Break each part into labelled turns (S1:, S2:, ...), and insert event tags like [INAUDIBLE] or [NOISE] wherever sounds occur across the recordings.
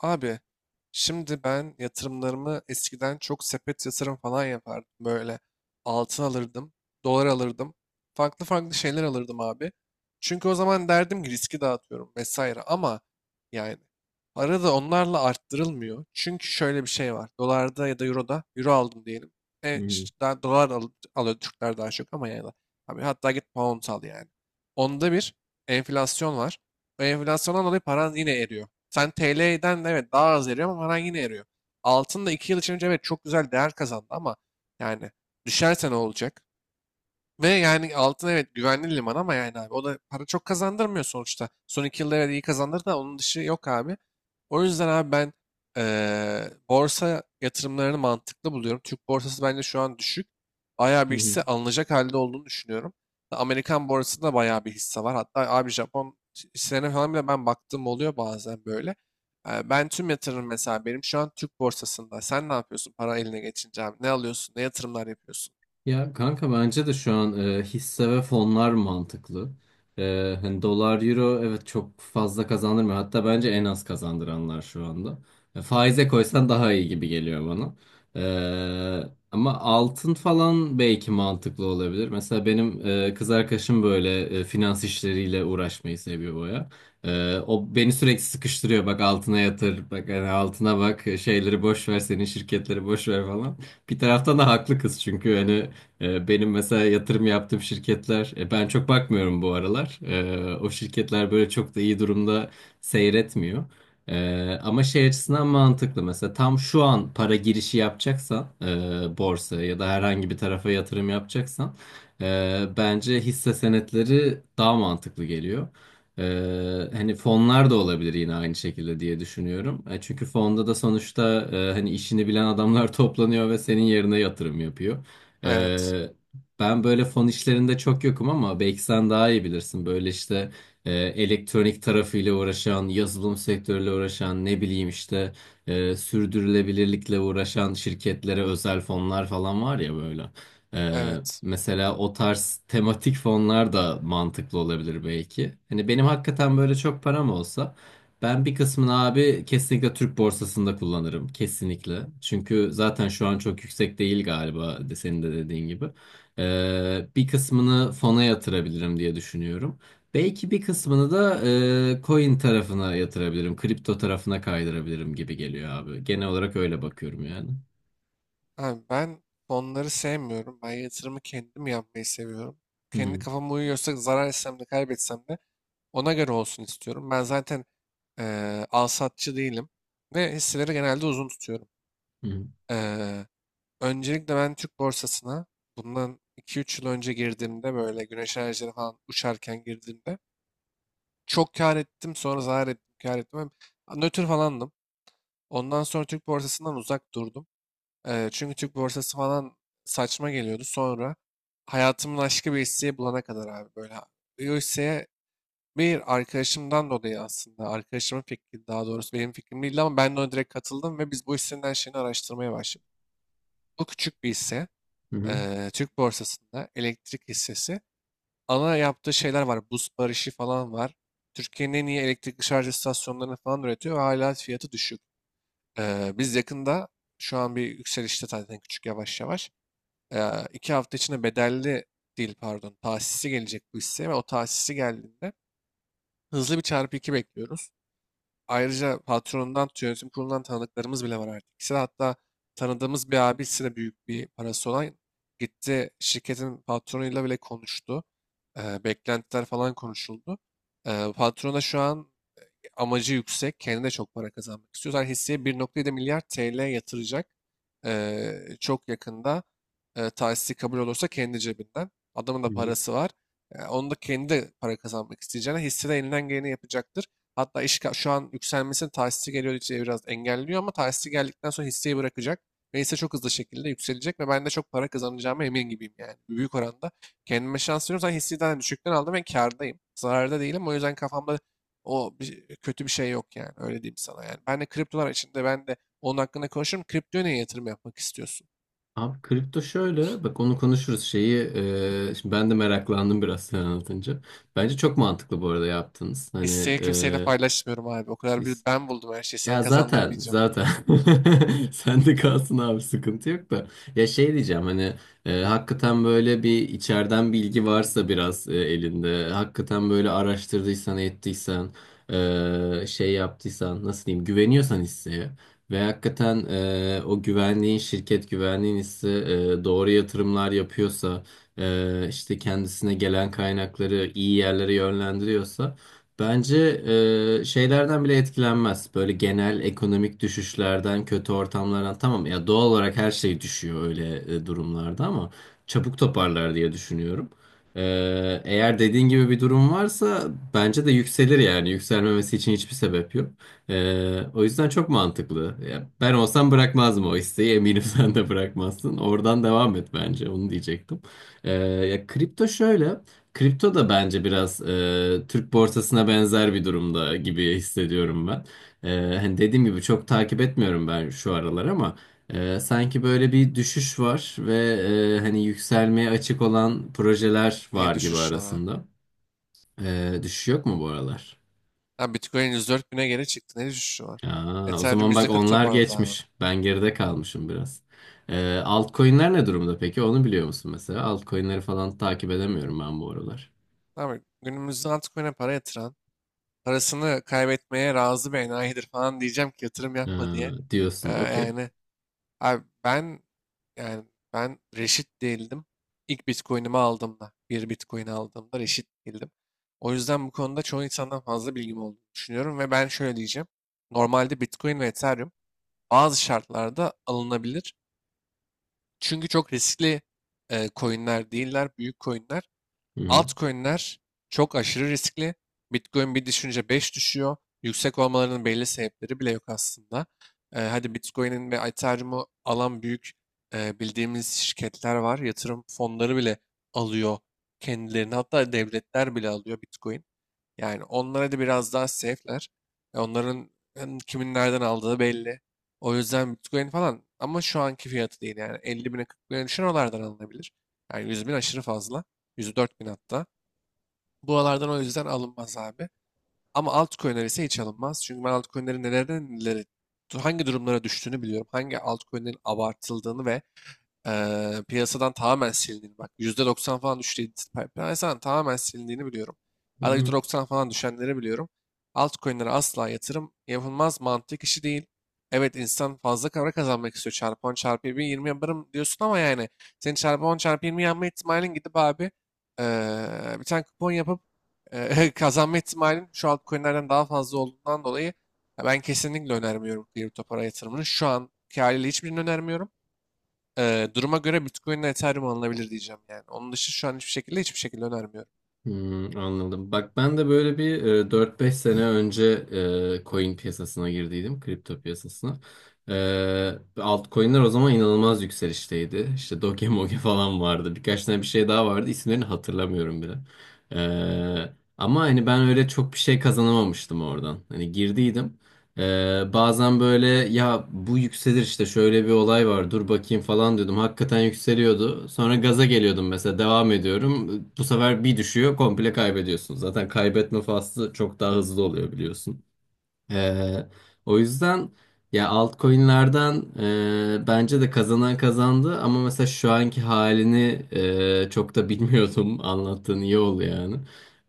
S1: Abi şimdi ben yatırımlarımı eskiden çok sepet yatırım falan yapardım. Böyle altın alırdım, dolar alırdım. Farklı farklı şeyler alırdım abi. Çünkü o zaman derdim ki riski dağıtıyorum vesaire. Ama yani para da onlarla arttırılmıyor. Çünkü şöyle bir şey var. Dolarda ya da euroda euro aldım diyelim.
S2: Hı
S1: E,
S2: hı.
S1: ş- daha dolar al- alıyor Türkler daha çok ama yani. Abi hatta git pound al yani. Onda bir enflasyon var. O enflasyondan dolayı paran yine eriyor. Sen TL'den de, evet, daha az eriyor ama paran yine eriyor. Altın da 2 yıl içinde, evet, çok güzel değer kazandı ama yani düşerse ne olacak? Ve yani altın, evet, güvenli liman ama yani abi o da para çok kazandırmıyor sonuçta. Son iki yılda, evet, iyi kazandırdı da onun dışı yok abi. O yüzden abi ben borsa yatırımlarını mantıklı buluyorum. Türk borsası bence şu an düşük. Bayağı
S2: Hı
S1: bir
S2: hı.
S1: hisse alınacak halde olduğunu düşünüyorum. Amerikan borsasında bayağı bir hisse var. Hatta abi Japon hisselerine falan bile ben baktığım oluyor bazen böyle. Ben tüm yatırım mesela benim şu an Türk borsasında. Sen ne yapıyorsun para eline geçince abi? Ne alıyorsun? Ne yatırımlar yapıyorsun?
S2: Ya kanka bence de şu an hisse ve fonlar mantıklı. Hani dolar, euro evet çok fazla kazandırmıyor. Hatta bence en az kazandıranlar şu anda. Faize koysan daha iyi gibi geliyor bana. Ama altın falan belki mantıklı olabilir. Mesela benim kız arkadaşım böyle finans işleriyle uğraşmayı seviyor baya. O beni sürekli sıkıştırıyor. Bak altına yatır, bak hani altına bak, şeyleri boş ver, senin şirketleri boş ver falan. Bir taraftan da haklı kız, çünkü hani benim mesela yatırım yaptığım şirketler, ben çok bakmıyorum bu aralar. O şirketler böyle çok da iyi durumda seyretmiyor. Ama şey açısından mantıklı mesela, tam şu an para girişi yapacaksan borsaya ya da herhangi bir tarafa yatırım yapacaksan bence hisse senetleri daha mantıklı geliyor. Hani fonlar da olabilir yine aynı şekilde diye düşünüyorum. Çünkü fonda da sonuçta hani işini bilen adamlar [LAUGHS] toplanıyor ve senin yerine yatırım yapıyor.
S1: Evet.
S2: Ee, ben böyle fon işlerinde çok yokum ama belki sen daha iyi bilirsin. Böyle işte elektronik tarafıyla uğraşan, yazılım sektörüyle uğraşan, ne bileyim işte sürdürülebilirlikle uğraşan şirketlere özel fonlar falan var ya böyle. Ee,
S1: Evet.
S2: mesela o tarz tematik fonlar da mantıklı olabilir belki. Hani benim hakikaten böyle çok param olsa, ben bir kısmını abi kesinlikle Türk borsasında kullanırım. Kesinlikle. Çünkü zaten şu an çok yüksek değil galiba de, senin de dediğin gibi. Bir kısmını fona yatırabilirim diye düşünüyorum. Belki bir kısmını da coin tarafına yatırabilirim. Kripto tarafına kaydırabilirim gibi geliyor abi. Genel olarak öyle bakıyorum yani.
S1: Abi ben fonları sevmiyorum. Ben yatırımı kendim yapmayı seviyorum.
S2: Hı
S1: Kendi
S2: hı.
S1: kafama uyuyorsa zarar etsem de kaybetsem de ona göre olsun istiyorum. Ben zaten al satçı değilim ve hisseleri genelde uzun tutuyorum.
S2: Hı
S1: Eee, öncelikle ben Türk borsasına bundan iki üç yıl önce girdiğimde böyle güneş enerjileri falan uçarken girdiğimde çok kar ettim, sonra zarar ettim, kar ettim. Hem nötr falandım. Ondan sonra Türk borsasından uzak durdum. Çünkü Türk borsası falan saçma geliyordu. Sonra hayatımın aşkı bir hisseyi bulana kadar abi böyle. O hisseye bir arkadaşımdan dolayı aslında. Arkadaşımın fikri, daha doğrusu benim fikrim değildi ama ben de ona direkt katıldım ve biz bu hissenin her şeyini araştırmaya başladık. Bu küçük bir hisse.
S2: hı.
S1: Türk borsasında elektrik hissesi. Ana yaptığı şeyler var. Buz barışı falan var. Türkiye'nin en iyi elektrikli şarj istasyonlarını falan üretiyor ve hala fiyatı düşük. Biz yakında, şu an bir yükselişte zaten, küçük yavaş yavaş iki hafta içinde bedelli değil, pardon, tahsisi gelecek bu hisseye ve o tahsisi geldiğinde hızlı bir çarpı iki bekliyoruz. Ayrıca patronundan tut, yönetim kurulundan tanıdıklarımız bile var artık. İkisi de hatta, tanıdığımız bir abisi de büyük bir parası olan, gitti şirketin patronuyla bile konuştu. Beklentiler falan konuşuldu. Patron da şu an amacı yüksek. Kendine çok para kazanmak istiyor. Zaten hisseye 1,7 milyar TL yatıracak. Çok yakında tahsisi kabul olursa kendi cebinden. Adamın
S2: Hı
S1: da
S2: hı.
S1: parası var. Onu da, kendi de para kazanmak isteyeceğine, hisse elinden geleni yapacaktır. Hatta şu an yükselmesinin, tahsisi geliyor diye biraz engelliyor, ama tahsisi geldikten sonra hisseyi bırakacak. Ve hisse çok hızlı şekilde yükselecek ve ben de çok para kazanacağıma emin gibiyim yani. Büyük oranda kendime şans veriyorum. Zaten hisseyi daha düşükten aldım ve kârdayım. Zararda değilim. O yüzden kafamda kötü bir şey yok yani. Öyle diyeyim sana yani. Ben de kriptolar içinde ben de onun hakkında konuşurum. Kriptoya niye yatırım yapmak istiyorsun?
S2: Abi kripto şöyle, bak onu konuşuruz, şeyi şimdi ben de meraklandım biraz sen anlatınca. Bence çok mantıklı bu arada yaptınız. Hani,
S1: Hisseyi kimseyle paylaşmıyorum abi. O kadar bir ben buldum her şeyi. Sana
S2: ya zaten
S1: kazandırmayacağım.
S2: zaten [LAUGHS] sen de kalsın abi, sıkıntı yok da, ya şey diyeceğim, hani hakikaten böyle bir içeriden bilgi varsa, biraz elinde hakikaten böyle araştırdıysan ettiysen, şey yaptıysan, nasıl diyeyim, güveniyorsan hisseye ve hakikaten o güvenliğin, şirket güvenliğin, hisse doğru yatırımlar yapıyorsa, işte kendisine gelen kaynakları iyi yerlere yönlendiriyorsa, bence şeylerden bile etkilenmez. Böyle genel ekonomik düşüşlerden, kötü ortamlardan. Tamam, ya doğal olarak her şey düşüyor öyle durumlarda ama çabuk toparlar diye düşünüyorum. E, eğer dediğin gibi bir durum varsa, bence de yükselir yani. Yükselmemesi için hiçbir sebep yok. O yüzden çok mantıklı. Ya, ben olsam bırakmazdım o isteği. Eminim [LAUGHS] sen de bırakmazsın. Oradan devam et bence. Onu diyecektim. Ya kripto şöyle. Kripto da bence biraz Türk borsasına benzer bir durumda gibi hissediyorum ben. Hani dediğim gibi çok takip etmiyorum ben şu aralar ama sanki böyle bir düşüş var ve hani yükselmeye açık olan projeler
S1: Neye
S2: var gibi
S1: düşüş var abi?
S2: arasında. Düşüş yok mu bu aralar?
S1: Ha, Bitcoin 104 bine geri çıktı. Ne düşüşü var?
S2: Aa, o
S1: Ethereum
S2: zaman bak,
S1: %40
S2: onlar
S1: toparladı abi.
S2: geçmiş. Ben geride kalmışım biraz. Altcoin'ler ne durumda peki? Onu biliyor musun mesela? Altcoin'leri falan takip edemiyorum ben bu aralar.
S1: Abi günümüzde altcoin'e para yatıran, parasını kaybetmeye razı bir enayidir falan diyeceğim ki yatırım
S2: E,
S1: yapma diye.
S2: diyorsun, okey.
S1: Yani abi ben Yani ben reşit değildim. İlk Bitcoin'imi aldığımda, bir Bitcoin aldığımda reşit değildim. O yüzden bu konuda çoğu insandan fazla bilgim olduğunu düşünüyorum ve ben şöyle diyeceğim. Normalde Bitcoin ve Ethereum bazı şartlarda alınabilir. Çünkü çok riskli coinler değiller, büyük coinler.
S2: Hı
S1: Altcoin'ler çok aşırı riskli. Bitcoin bir düşünce 5 düşüyor. Yüksek olmalarının belli sebepleri bile yok aslında. Hadi Bitcoin'in ve Ethereum'u alan büyük bildiğimiz şirketler var. Yatırım fonları bile alıyor kendilerini. Hatta devletler bile alıyor Bitcoin. Yani onlara da biraz daha safe'ler. Onların hem kimin nereden aldığı belli. O yüzden Bitcoin falan, ama şu anki fiyatı değil, yani 50 bine, 40 bine düşen oralardan alınabilir. Yani 100 bin aşırı fazla. 104 bin hatta. Buralardan o yüzden alınmaz abi. Ama altcoin'ler ise hiç alınmaz. Çünkü ben altcoin'lerin nelerden neleri, hangi durumlara düştüğünü biliyorum. Hangi altcoin'lerin abartıldığını ve piyasadan tamamen silindiğini, bak %90 falan düştü, piyasadan tamamen silindiğini biliyorum. Hatta
S2: hı.
S1: %90 falan düşenleri biliyorum. Altcoin'lere asla yatırım yapılmaz, mantık işi değil. Evet, insan fazla para kazanmak istiyor. Çarpı 10, çarpı 20 yaparım diyorsun ama yani senin çarpı 10, çarpı 20 yapma ihtimalin, gidip abi eee, bir tane kupon yapıp [LAUGHS] kazanma ihtimalin şu altcoin'lerden daha fazla olduğundan dolayı, ya ben kesinlikle önermiyorum kripto para yatırımını. Şu anki haliyle hiçbirini önermiyorum. Duruma göre Bitcoin ile Ethereum alınabilir diyeceğim yani. Onun dışı şu an hiçbir şekilde, hiçbir şekilde önermiyorum.
S2: Hmm, anladım. Bak ben de böyle bir 4-5 sene önce coin piyasasına girdiydim. Kripto piyasasına. Altcoin'ler o zaman inanılmaz yükselişteydi. İşte Doge Moge [LAUGHS] falan vardı. Birkaç tane bir şey daha vardı. İsimlerini hatırlamıyorum bile. E, ama hani ben öyle çok bir şey kazanamamıştım oradan. Hani girdiydim. Bazen böyle, ya bu yükselir işte, şöyle bir olay var, dur bakayım falan diyordum. Hakikaten yükseliyordu. Sonra gaza geliyordum mesela, devam ediyorum. Bu sefer bir düşüyor, komple kaybediyorsun. Zaten kaybetme faslı çok daha hızlı oluyor, biliyorsun. Ee, o yüzden ya, altcoin'lerden bence de kazanan kazandı ama mesela şu anki halini çok da bilmiyordum. [LAUGHS] Anlattığın iyi oldu yani.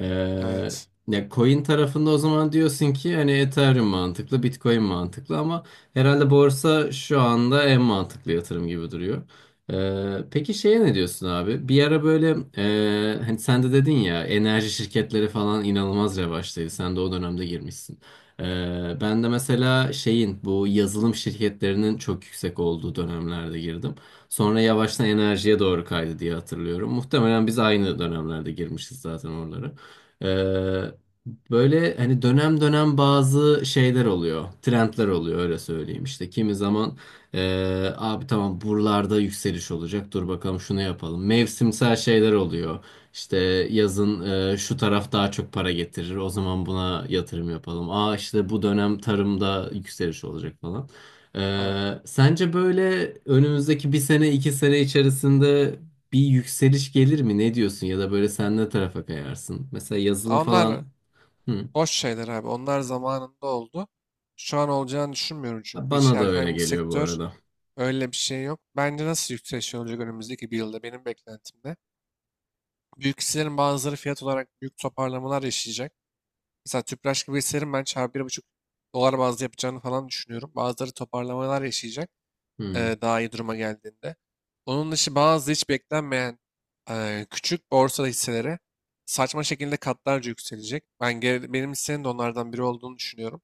S2: Ee,
S1: Evet.
S2: ya coin tarafında o zaman diyorsun ki hani Ethereum mantıklı, Bitcoin mantıklı ama herhalde borsa şu anda en mantıklı yatırım gibi duruyor. Peki şeye ne diyorsun abi? Bir ara böyle hani sen de dedin ya, enerji şirketleri falan inanılmaz revaçtaydı. Sen de o dönemde girmişsin. Ben de mesela şeyin, bu yazılım şirketlerinin çok yüksek olduğu dönemlerde girdim. Sonra yavaştan enerjiye doğru kaydı diye hatırlıyorum. Muhtemelen biz aynı dönemlerde girmişiz zaten oralara. Ee, böyle hani dönem dönem bazı şeyler oluyor. Trendler oluyor, öyle söyleyeyim. İşte kimi zaman abi tamam buralarda yükseliş olacak, dur bakalım şunu yapalım. Mevsimsel şeyler oluyor. İşte yazın şu taraf daha çok para getirir, o zaman buna yatırım yapalım. Aa, işte bu dönem tarımda yükseliş olacak falan.
S1: Abi.
S2: Sence böyle önümüzdeki bir sene iki sene içerisinde bir yükseliş gelir mi? Ne diyorsun? Ya da böyle sen ne tarafa kayarsın? Mesela yazılım
S1: Aa,
S2: falan.
S1: onlar
S2: Hı.
S1: boş şeyler abi. Onlar zamanında oldu. Şu an olacağını düşünmüyorum çünkü. Hiç
S2: Bana da öyle
S1: herhangi bir
S2: geliyor bu
S1: sektör,
S2: arada.
S1: öyle bir şey yok. Bence nasıl yükseliş olacak önümüzdeki bir yılda benim beklentimde: büyük hisselerin bazıları fiyat olarak büyük toparlamalar yaşayacak. Mesela Tüpraş gibi hisselerin ben çarpı bir buçuk dolar bazlı yapacağını falan düşünüyorum. Bazıları toparlamalar yaşayacak,
S2: Hı,
S1: daha iyi duruma geldiğinde. Onun dışı bazı hiç beklenmeyen küçük borsa hisseleri saçma şekilde katlarca yükselecek. Benim hissenin de onlardan biri olduğunu düşünüyorum.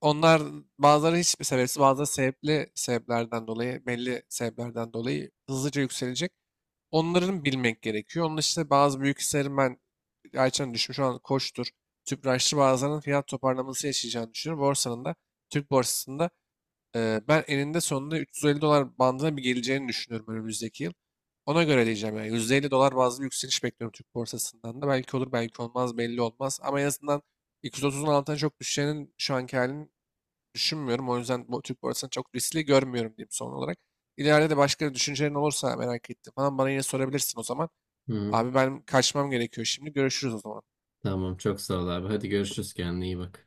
S1: Onlar, bazıları hiçbir sebepsiz, bazıları sebepli sebeplerden dolayı, belli sebeplerden dolayı hızlıca yükselecek. Onların bilmek gerekiyor. Onun dışında bazı büyük hisselerin, ben Ayça'nın düşmüş olan Koç'tur, Tüpraş'tır, bazılarının fiyat toparlaması yaşayacağını düşünüyorum. Türk borsasında ben eninde sonunda 350 dolar bandına bir geleceğini düşünüyorum önümüzdeki yıl. Ona göre diyeceğim yani, %50 dolar bazlı bir yükseliş bekliyorum Türk borsasından da. Belki olur, belki olmaz, belli olmaz. Ama en azından 230'un altına çok düşeceğinin, şu anki halini düşünmüyorum. O yüzden bu Türk borsasını çok riskli görmüyorum diyeyim son olarak. İleride de başka düşüncelerin olursa, merak ettim falan, bana yine sorabilirsin o zaman.
S2: hı.
S1: Abi ben kaçmam gerekiyor şimdi. Görüşürüz o zaman.
S2: Tamam, çok sağ ol abi. Hadi görüşürüz, kendine iyi bak.